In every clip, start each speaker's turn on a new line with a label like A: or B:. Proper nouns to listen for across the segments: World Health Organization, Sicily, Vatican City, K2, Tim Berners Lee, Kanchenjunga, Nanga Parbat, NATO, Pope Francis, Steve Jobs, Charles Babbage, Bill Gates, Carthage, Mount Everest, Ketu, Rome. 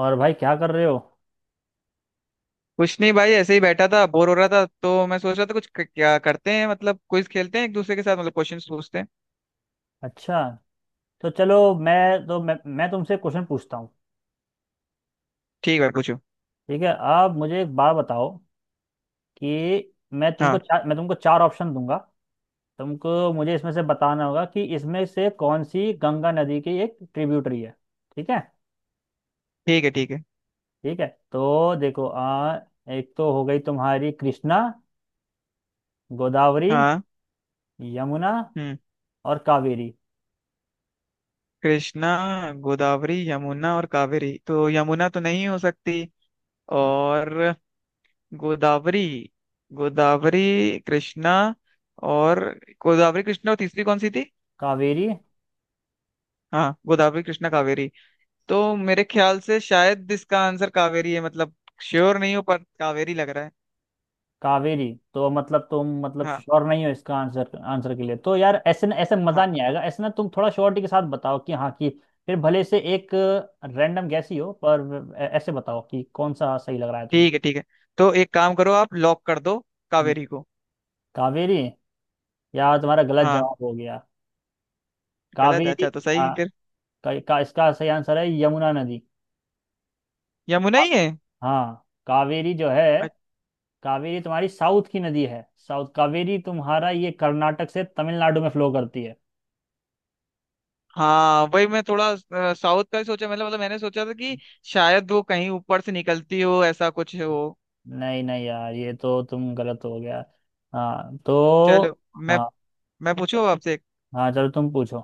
A: और भाई क्या कर रहे हो?
B: कुछ नहीं भाई, ऐसे ही बैठा था, बोर हो रहा था तो मैं सोच रहा था कुछ क्या करते हैं। मतलब क्विज खेलते हैं एक दूसरे के साथ, मतलब क्वेश्चंस पूछते हैं।
A: अच्छा। तो चलो, मैं तुमसे क्वेश्चन पूछता हूँ।
B: ठीक है, पूछो।
A: ठीक है, आप मुझे एक बात बताओ, कि
B: हाँ,
A: मैं तुमको चार ऑप्शन दूंगा। तुमको मुझे इसमें से बताना होगा कि इसमें से कौन सी गंगा नदी की एक ट्रिब्यूटरी है। ठीक है,
B: ठीक है ठीक है।
A: ठीक है। तो देखो, एक तो हो गई तुम्हारी कृष्णा, गोदावरी,
B: हाँ।
A: यमुना
B: हम्म।
A: और कावेरी।
B: कृष्णा, गोदावरी, यमुना और कावेरी। तो यमुना तो नहीं हो सकती।
A: हाँ।
B: और गोदावरी। गोदावरी, कृष्णा और। गोदावरी, कृष्णा और तीसरी कौन सी थी?
A: कावेरी?
B: हाँ, गोदावरी, कृष्णा, कावेरी। तो मेरे ख्याल से शायद इसका आंसर कावेरी है। मतलब श्योर नहीं हो पर कावेरी लग रहा है।
A: कावेरी तो मतलब तुम मतलब
B: हाँ।
A: श्योर नहीं हो इसका आंसर आंसर के लिए तो, यार, ऐसे ना, ऐसे
B: हाँ।
A: मजा नहीं आएगा। ऐसे ना, तुम थोड़ा श्योरिटी के साथ बताओ कि हाँ, कि फिर भले से एक रैंडम गैस ही हो, पर ऐसे बताओ कि कौन सा सही लग रहा है
B: ठीक
A: तुमको।
B: है ठीक है। तो एक काम करो, आप लॉक कर दो
A: हम्म।
B: कावेरी को।
A: कावेरी? यार, तुम्हारा गलत
B: हाँ।
A: जवाब हो गया।
B: गलत है?
A: कावेरी।
B: अच्छा, तो सही
A: हाँ।
B: फिर?
A: इसका सही आंसर है यमुना नदी।
B: यमुना ही
A: आप-
B: है।
A: हाँ, कावेरी जो है,
B: अच्छ-
A: कावेरी तुम्हारी साउथ की नदी है। साउथ कावेरी तुम्हारा ये कर्नाटक से तमिलनाडु में फ्लो करती है।
B: हाँ, वही मैं थोड़ा साउथ का ही सोचा। मतलब मैंने सोचा था कि शायद वो कहीं ऊपर से निकलती हो, ऐसा कुछ हो।
A: नहीं नहीं, यार, ये तो तुम गलत हो गया। हाँ तो।
B: चलो
A: हाँ।
B: मैं पूछूं आपसे एक?
A: हाँ, चलो, तुम पूछो।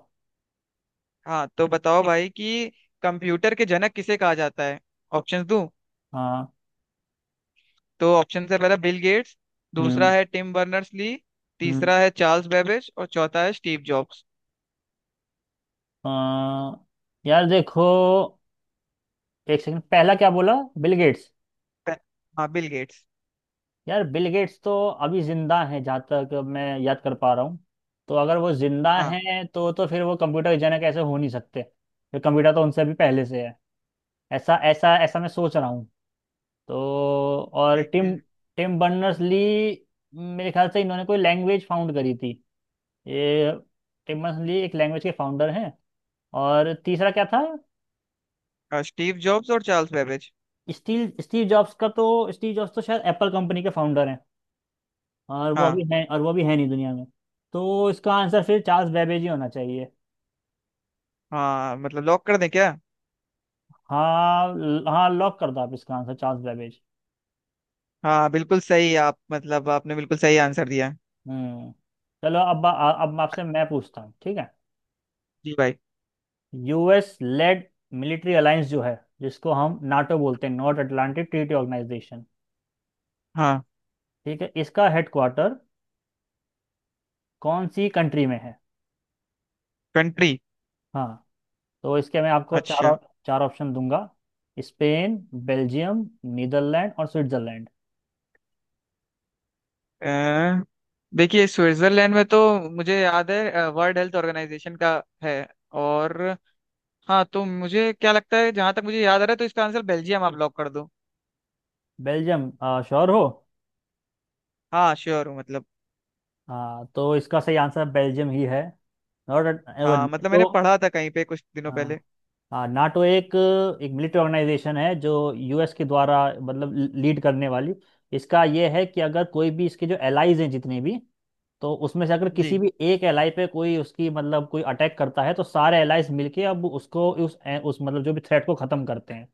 B: हाँ, तो बताओ भाई कि कंप्यूटर के जनक किसे कहा जाता है। ऑप्शन दूं?
A: हाँ।
B: तो ऑप्शन से पहला बिल गेट्स, दूसरा
A: हम्म।
B: है टिम बर्नर्स ली,
A: हम्म।
B: तीसरा है चार्ल्स बेबेज और चौथा है स्टीव जॉब्स।
A: आ, यार, देखो, एक सेकंड, पहला क्या बोला? Bill Gates.
B: हाँ, बिल गेट्स।
A: यार, बिल गेट्स तो अभी जिंदा हैं जहाँ तक मैं याद कर पा रहा हूँ। तो अगर वो जिंदा
B: हाँ।
A: हैं तो फिर वो कंप्यूटर जनक ऐसे हो नहीं सकते। फिर कंप्यूटर तो उनसे भी पहले से है। ऐसा ऐसा ऐसा मैं सोच रहा हूँ तो। और
B: ठीक है।
A: टिम टिम बर्नर्स ली, मेरे ख्याल से इन्होंने कोई लैंग्वेज फाउंड करी थी। ये टिम बर्नर्स ली एक लैंग्वेज के फाउंडर हैं। और तीसरा क्या था?
B: हाँ, स्टीव जॉब्स और Charles Babbage.
A: Steve Steve Jobs का तो, स्टीव जॉब्स तो शायद एप्पल कंपनी के फाउंडर हैं। और वो अभी
B: हाँ।
A: है, और वो भी है नहीं दुनिया में। तो इसका आंसर फिर चार्ल्स बेबेज ही होना चाहिए।
B: हाँ मतलब लॉक कर दें क्या?
A: हाँ, हाँ, लॉक कर दो आप, इसका आंसर चार्ल्स बेबेज।
B: हाँ बिल्कुल सही। आप मतलब आपने बिल्कुल सही आंसर दिया।
A: हम्म। चलो, अब अब आपसे मैं पूछता हूँ, ठीक है।
B: जी भाई।
A: यूएस लेड मिलिट्री अलायंस जो है, जिसको हम नाटो बोलते हैं, नॉर्थ अटलांटिक ट्रीटी ऑर्गेनाइजेशन,
B: हाँ।
A: ठीक है, इसका हेडक्वार्टर कौन सी कंट्री में है?
B: कंट्री?
A: हाँ। तो इसके मैं आपको
B: अच्छा।
A: चार ऑप्शन दूंगा। स्पेन, बेल्जियम, नीदरलैंड और स्विट्जरलैंड।
B: अ, देखिए, स्विट्जरलैंड में तो मुझे याद है वर्ल्ड हेल्थ ऑर्गेनाइजेशन का है। और हाँ तो मुझे क्या लगता है, जहां तक मुझे याद आ रहा है तो इसका आंसर बेल्जियम। आप लॉक कर दो।
A: बेल्जियम? श्योर हो?
B: हाँ श्योर हूँ मतलब।
A: हाँ, तो इसका सही आंसर बेल्जियम ही है। और
B: हाँ मतलब
A: नाटो,
B: मैंने पढ़ा था कहीं पे कुछ दिनों पहले।
A: हाँ। हाँ, नाटो एक एक मिलिट्री ऑर्गेनाइजेशन है जो यूएस के द्वारा मतलब लीड करने वाली। इसका ये है कि अगर कोई भी इसके जो एलाइज हैं, जितने भी, तो उसमें से अगर किसी
B: जी।
A: भी एक एलाई पे कोई उसकी मतलब कोई अटैक करता है, तो सारे एलाइज मिलके अब उसको उस मतलब जो भी थ्रेट को खत्म करते हैं,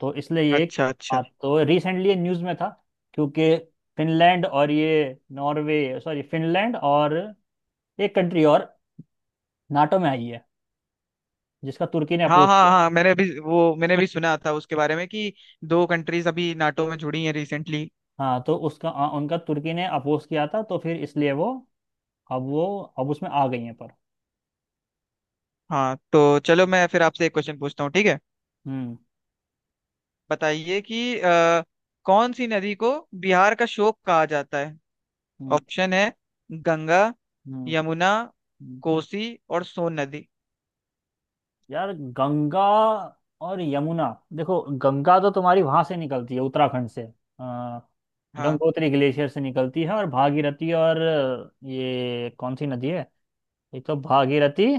A: तो इसलिए ये।
B: अच्छा
A: हाँ,
B: अच्छा।
A: तो रिसेंटली ये न्यूज़ में था क्योंकि फिनलैंड और ये नॉर्वे सॉरी, फिनलैंड और एक कंट्री और नाटो में आई है जिसका तुर्की ने
B: हाँ
A: अपोज
B: हाँ
A: किया।
B: हाँ मैंने अभी वो मैंने भी सुना था उसके बारे में कि दो कंट्रीज अभी नाटो में जुड़ी हैं रिसेंटली।
A: हाँ, तो उसका उनका तुर्की ने अपोज किया था, तो फिर इसलिए वो, अब वो, अब उसमें आ गई है पर।
B: हाँ तो चलो मैं फिर आपसे एक क्वेश्चन पूछता हूँ, ठीक है?
A: हम्म।
B: बताइए कि कौन सी नदी को बिहार का शोक कहा जाता है।
A: हम्म।
B: ऑप्शन है गंगा,
A: हम्म।
B: यमुना,
A: हम्म।
B: कोसी और सोन नदी।
A: यार, गंगा और यमुना, देखो, गंगा तो तुम्हारी वहां से निकलती है उत्तराखंड से, आ,
B: हाँ।
A: गंगोत्री ग्लेशियर से निकलती है, और भागीरथी और ये कौन सी नदी है? एक तो भागीरथी,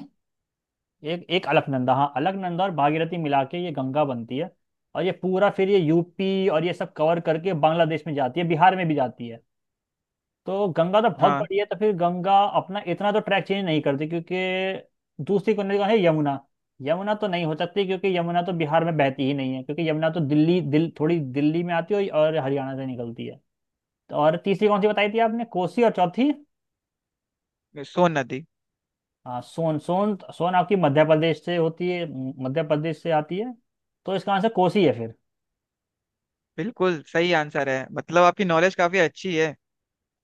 A: एक एक अलकनंदा, हाँ, अलकनंदा और भागीरथी मिला के ये गंगा बनती है। और ये पूरा फिर ये यूपी और ये सब कवर करके बांग्लादेश में जाती है, बिहार में भी जाती है। तो गंगा तो बहुत
B: हाँ,
A: बड़ी है, तो फिर गंगा अपना इतना तो ट्रैक चेंज नहीं करती क्योंकि दूसरी कौन है, यमुना। यमुना तो नहीं हो सकती क्योंकि यमुना तो बिहार में बहती ही नहीं है क्योंकि यमुना तो दिल्ली, दिल थोड़ी दिल्ली में आती है और हरियाणा से निकलती है। तो और तीसरी कौन सी बताई थी आपने, कोसी, और चौथी?
B: सोन नदी।
A: हाँ, सोन सोन सोन आपकी मध्य प्रदेश से होती है, मध्य प्रदेश से आती है। तो इसका आंसर कोसी है फिर।
B: बिल्कुल सही आंसर है। मतलब आपकी नॉलेज काफी अच्छी है।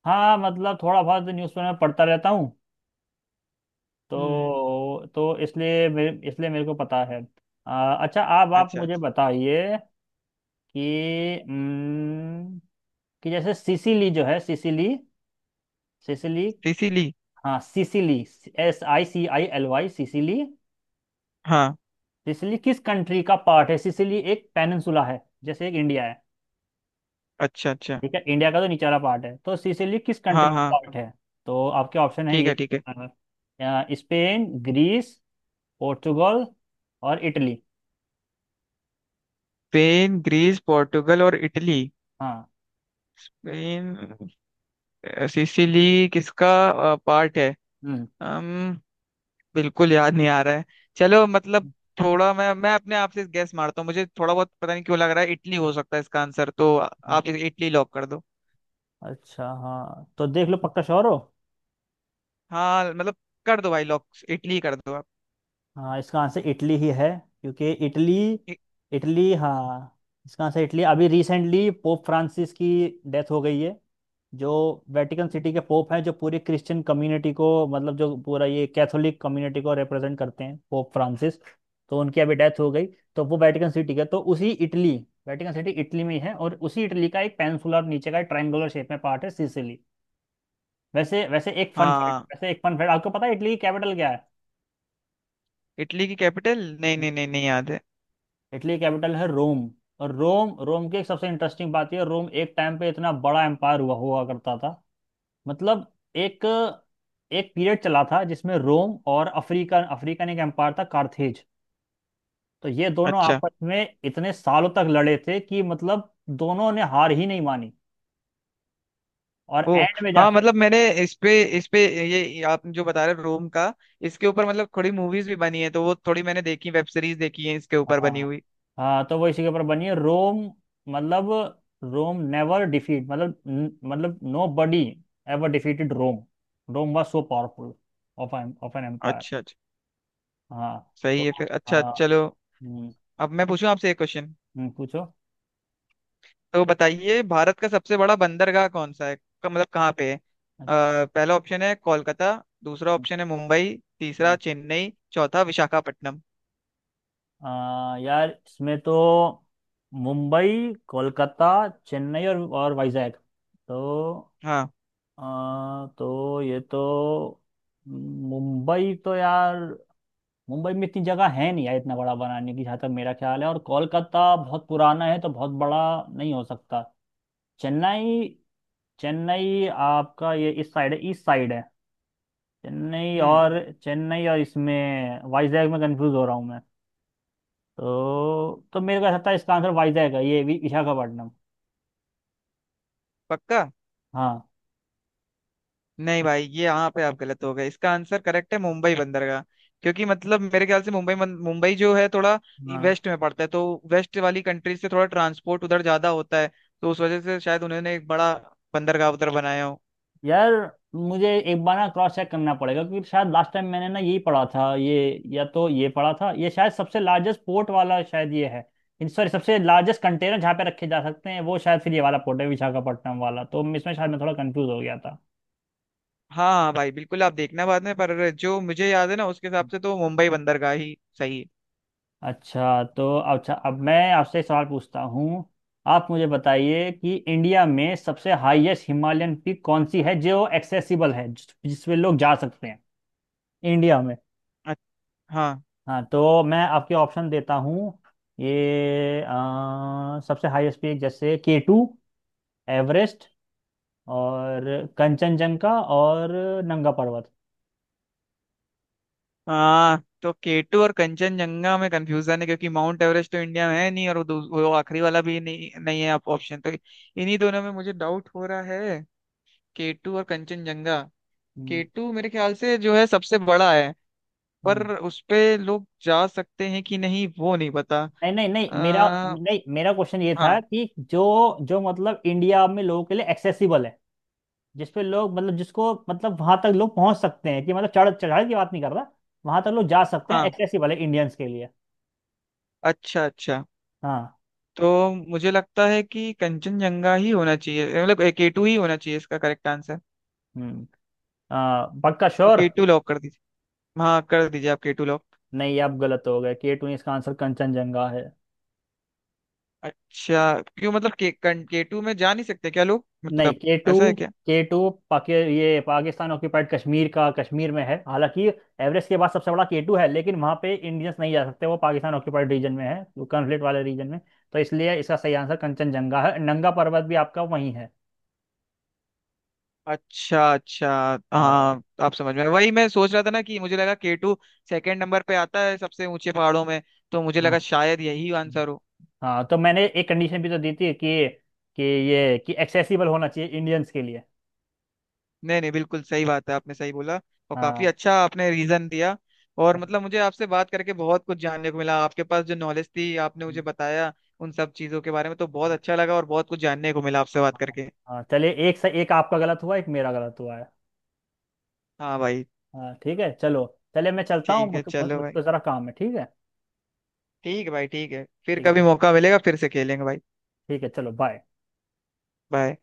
A: हाँ, मतलब थोड़ा बहुत न्यूज़पेपर में पढ़ता रहता हूँ,
B: हम्म।
A: तो इसलिए मेरे को पता है। अच्छा, आप
B: अच्छा
A: मुझे
B: अच्छा।
A: बताइए कि कि जैसे सिसिली जो है, सिसिली, सिसिली,
B: इसीलिए।
A: हाँ, सिसिली, Sicily, सिसिली,
B: हाँ।
A: सिसिली किस कंट्री का पार्ट है? सिसिली एक पेनिनसुला है जैसे एक इंडिया है।
B: अच्छा अच्छा।
A: ठीक है, इंडिया का तो निचला पार्ट है। तो सिसिली किस
B: हाँ
A: कंट्री का
B: हाँ।
A: पार्ट है? तो आपके ऑप्शन है
B: ठीक
A: ये,
B: है ठीक है।
A: अ, स्पेन, ग्रीस, पोर्चुगल और इटली।
B: स्पेन, ग्रीस, पोर्टुगल और इटली।
A: हाँ।
B: स्पेन। सिसिली किसका पार्ट है?
A: हम्म।
B: अम बिल्कुल याद नहीं आ रहा है। चलो मतलब थोड़ा मैं अपने आप से गैस मारता हूँ। मुझे थोड़ा बहुत पता नहीं क्यों लग रहा है, इटली हो सकता है इसका आंसर। तो आप इटली लॉक कर दो।
A: अच्छा। हाँ, तो देख लो पक्का, श्योर हो?
B: हाँ मतलब कर दो भाई, लॉक इटली कर दो आप।
A: हाँ, इसका आंसर इटली ही है। क्योंकि इटली,
B: इ-
A: इटली, हाँ, इसका आंसर इटली। अभी रिसेंटली पोप फ्रांसिस की डेथ हो गई है, जो वेटिकन सिटी के पोप हैं, जो पूरी क्रिश्चियन कम्युनिटी को, मतलब जो पूरा ये कैथोलिक कम्युनिटी को रिप्रेजेंट करते हैं, पोप फ्रांसिस। तो उनकी अभी डेथ हो गई। तो वो वेटिकन सिटी के, तो उसी इटली, वेटिकन सिटी इटली में ही है और उसी इटली का एक पेनिनसुलर नीचे का ट्रायंगुलर शेप में पार्ट है सिसिली। वैसे, वैसे एक फन फैक्ट
B: हाँ।
A: वैसे एक फन फैक्ट, आपको पता है इटली की कैपिटल क्या है?
B: इटली की कैपिटल? नहीं नहीं नहीं, नहीं याद है।
A: इटली कैपिटल है रोम। और रोम रोम की एक सबसे इंटरेस्टिंग बात, यह रोम एक टाइम पे इतना बड़ा एम्पायर हुआ हुआ करता था। मतलब एक एक पीरियड चला था जिसमें रोम और अफ्रीका अफ्रीकन एक एम्पायर था, कार्थेज। तो ये दोनों
B: अच्छा।
A: आपस में इतने सालों तक लड़े थे कि, मतलब, दोनों ने हार ही नहीं मानी। और
B: ओ।
A: एंड में
B: हाँ
A: जाके,
B: मतलब मैंने इस पे ये आप जो बता रहे हो रोम का, इसके ऊपर मतलब थोड़ी मूवीज भी बनी है, तो वो थोड़ी मैंने देखी। वेब सीरीज देखी है इसके ऊपर बनी
A: हाँ।
B: हुई।
A: हाँ, तो वो इसी के ऊपर बनी है। रोम, मतलब, रोम नेवर डिफीट, मतलब, nobody ever defeated Rome. Rome was so powerful of of an empire.
B: अच्छा अच्छा।
A: हाँ तो,
B: सही है फिर। अच्छा
A: हाँ
B: चलो।
A: हम्म।
B: अब मैं पूछूं आपसे एक क्वेश्चन।
A: पूछो।
B: तो बताइए, भारत का सबसे बड़ा बंदरगाह कौन सा है? मतलब कहाँ पे है?
A: अच्छा।
B: पहला ऑप्शन है कोलकाता, दूसरा
A: हम्म।
B: ऑप्शन है मुंबई, तीसरा
A: हम्म।
B: चेन्नई, चौथा विशाखापट्टनम।
A: यार, इसमें तो मुंबई, कोलकाता, चेन्नई और वाइजैक। तो
B: हाँ।
A: तो ये तो, मुंबई तो, यार, मुंबई में इतनी जगह है नहीं, यार, इतना बड़ा बनाने की जहाँ तक मेरा ख्याल है, और कोलकाता बहुत पुराना है तो बहुत बड़ा नहीं हो सकता। चेन्नई, चेन्नई आपका ये इस साइड है, ईस्ट साइड है, चेन्नई
B: हम्म।
A: और, चेन्नई और, इसमें वाइजैक में कंफ्यूज हो रहा हूँ मैं। तो मेरे को ऐसा था इसका आंसर वाइजैक है, ये विशाखापट्टनम।
B: पक्का?
A: हाँ।
B: नहीं भाई, ये यहाँ पे आप गलत हो गए। इसका आंसर करेक्ट है मुंबई बंदरगाह। क्योंकि मतलब मेरे ख्याल से मुंबई जो है थोड़ा
A: हाँ,
B: वेस्ट में पड़ता है, तो वेस्ट वाली कंट्री से थोड़ा ट्रांसपोर्ट उधर ज्यादा होता है, तो उस वजह से शायद उन्होंने एक बड़ा बंदरगाह उधर बनाया हो।
A: यार, मुझे एक बार ना क्रॉस चेक करना पड़ेगा क्योंकि शायद लास्ट टाइम मैंने ना यही पढ़ा था ये, या तो ये पढ़ा था ये शायद सबसे लार्जेस्ट पोर्ट वाला शायद ये है। इन सॉरी, सबसे लार्जेस्ट कंटेनर जहाँ पे रखे जा सकते हैं वो शायद फिर ये वाला पोर्ट है, विशाखापट्टनम वाला। तो इसमें शायद मैं थोड़ा कंफ्यूज हो गया था।
B: हाँ हाँ भाई बिल्कुल, आप देखना बाद में, पर जो मुझे याद है ना उसके हिसाब से तो मुंबई बंदरगाह ही सही है।
A: अच्छा, तो अच्छा, अब मैं आपसे एक सवाल पूछता हूँ। आप मुझे बताइए कि इंडिया में सबसे हाईएस्ट हिमालयन पीक कौन सी है जो एक्सेसिबल है, जिसपे लोग जा सकते हैं इंडिया में।
B: अच्छा। हाँ।
A: हाँ, तो मैं आपके ऑप्शन देता हूँ। ये सबसे हाईएस्ट पीक, जैसे के टू, एवरेस्ट, और कंचनजंगा, और नंगा पर्वत।
B: हाँ तो केटू और कंचनजंगा में कंफ्यूजन है, क्योंकि माउंट एवरेस्ट तो इंडिया में है नहीं, और वो वो आखिरी वाला भी नहीं नहीं है। आप ऑप्शन तो इन्हीं दोनों में मुझे डाउट हो रहा है, केटू और कंचनजंगा।
A: हम्म।
B: केटू मेरे ख्याल से जो है सबसे बड़ा है, पर
A: हम्म।
B: उस पे लोग जा सकते हैं कि नहीं वो नहीं पता।
A: नहीं नहीं नहीं, मेरा, हाँ,
B: हाँ।
A: नहीं, मेरा क्वेश्चन ये था कि जो जो मतलब इंडिया में लोगों के लिए एक्सेसिबल है, जिसपे लोग, मतलब जिसको, मतलब वहां तक लोग पहुंच सकते हैं, कि मतलब चढ़ाई की बात नहीं कर रहा, वहां तक लोग जा सकते हैं,
B: हाँ।
A: एक्सेसिबल है इंडियंस के लिए।
B: अच्छा अच्छा।
A: हाँ।
B: तो मुझे लगता है कि कंचनजंगा ही होना चाहिए मतलब केटू ही होना चाहिए इसका करेक्ट आंसर।
A: हम्म। पक्का
B: तो
A: श्योर?
B: केटू लॉक कर दीजिए। हाँ कर दीजिए आप, केटू लॉक।
A: नहीं, आप गलत हो गए, के टू नहीं, इसका आंसर कंचनजंगा है।
B: अच्छा, क्यों? मतलब केटू में जा नहीं सकते क्या लोग,
A: नहीं,
B: मतलब
A: के टू,
B: ऐसा है क्या?
A: के टू पाकि ये पाकिस्तान ऑक्यूपाइड कश्मीर का, कश्मीर में है। हालांकि एवरेस्ट के बाद सबसे बड़ा के टू है, लेकिन वहां पे इंडियंस नहीं जा सकते, वो पाकिस्तान ऑक्यूपाइड रीजन में है, वो कॉन्फ्लिक्ट वाले रीजन में। तो इसलिए इसका सही आंसर कंचनजंगा है। नंगा पर्वत भी आपका वहीं है।
B: अच्छा अच्छा।
A: आ,
B: हाँ आप समझ में, वही मैं सोच रहा था ना कि मुझे लगा केटू सेकंड नंबर पे आता है सबसे ऊंचे पहाड़ों में, तो मुझे
A: हाँ।
B: लगा शायद यही आंसर हो।
A: हाँ, तो मैंने एक कंडीशन भी तो दी थी कि ये कि एक्सेसिबल होना चाहिए इंडियंस के लिए।
B: नहीं नहीं, बिल्कुल सही बात है, आपने सही बोला, और काफी
A: हाँ।
B: अच्छा आपने रीजन दिया। और
A: हाँ।
B: मतलब मुझे आपसे बात करके बहुत कुछ जानने को मिला, आपके पास जो नॉलेज थी आपने मुझे बताया उन सब चीजों के बारे में, तो बहुत अच्छा लगा और बहुत कुछ जानने को मिला आपसे बात करके।
A: हाँ, चलिए, एक से एक, आपका गलत हुआ, एक मेरा गलत हुआ है।
B: हाँ भाई।
A: हाँ, ठीक है, चलो। चलिए, मैं चलता हूँ,
B: ठीक है,
A: मुझको,
B: चलो भाई।
A: ज़रा काम है, ठीक है।
B: ठीक है भाई, ठीक है। फिर
A: ठीक
B: कभी
A: है।
B: मौका मिलेगा फिर से खेलेंगे भाई।
A: ठीक है, चलो, बाय।
B: बाय।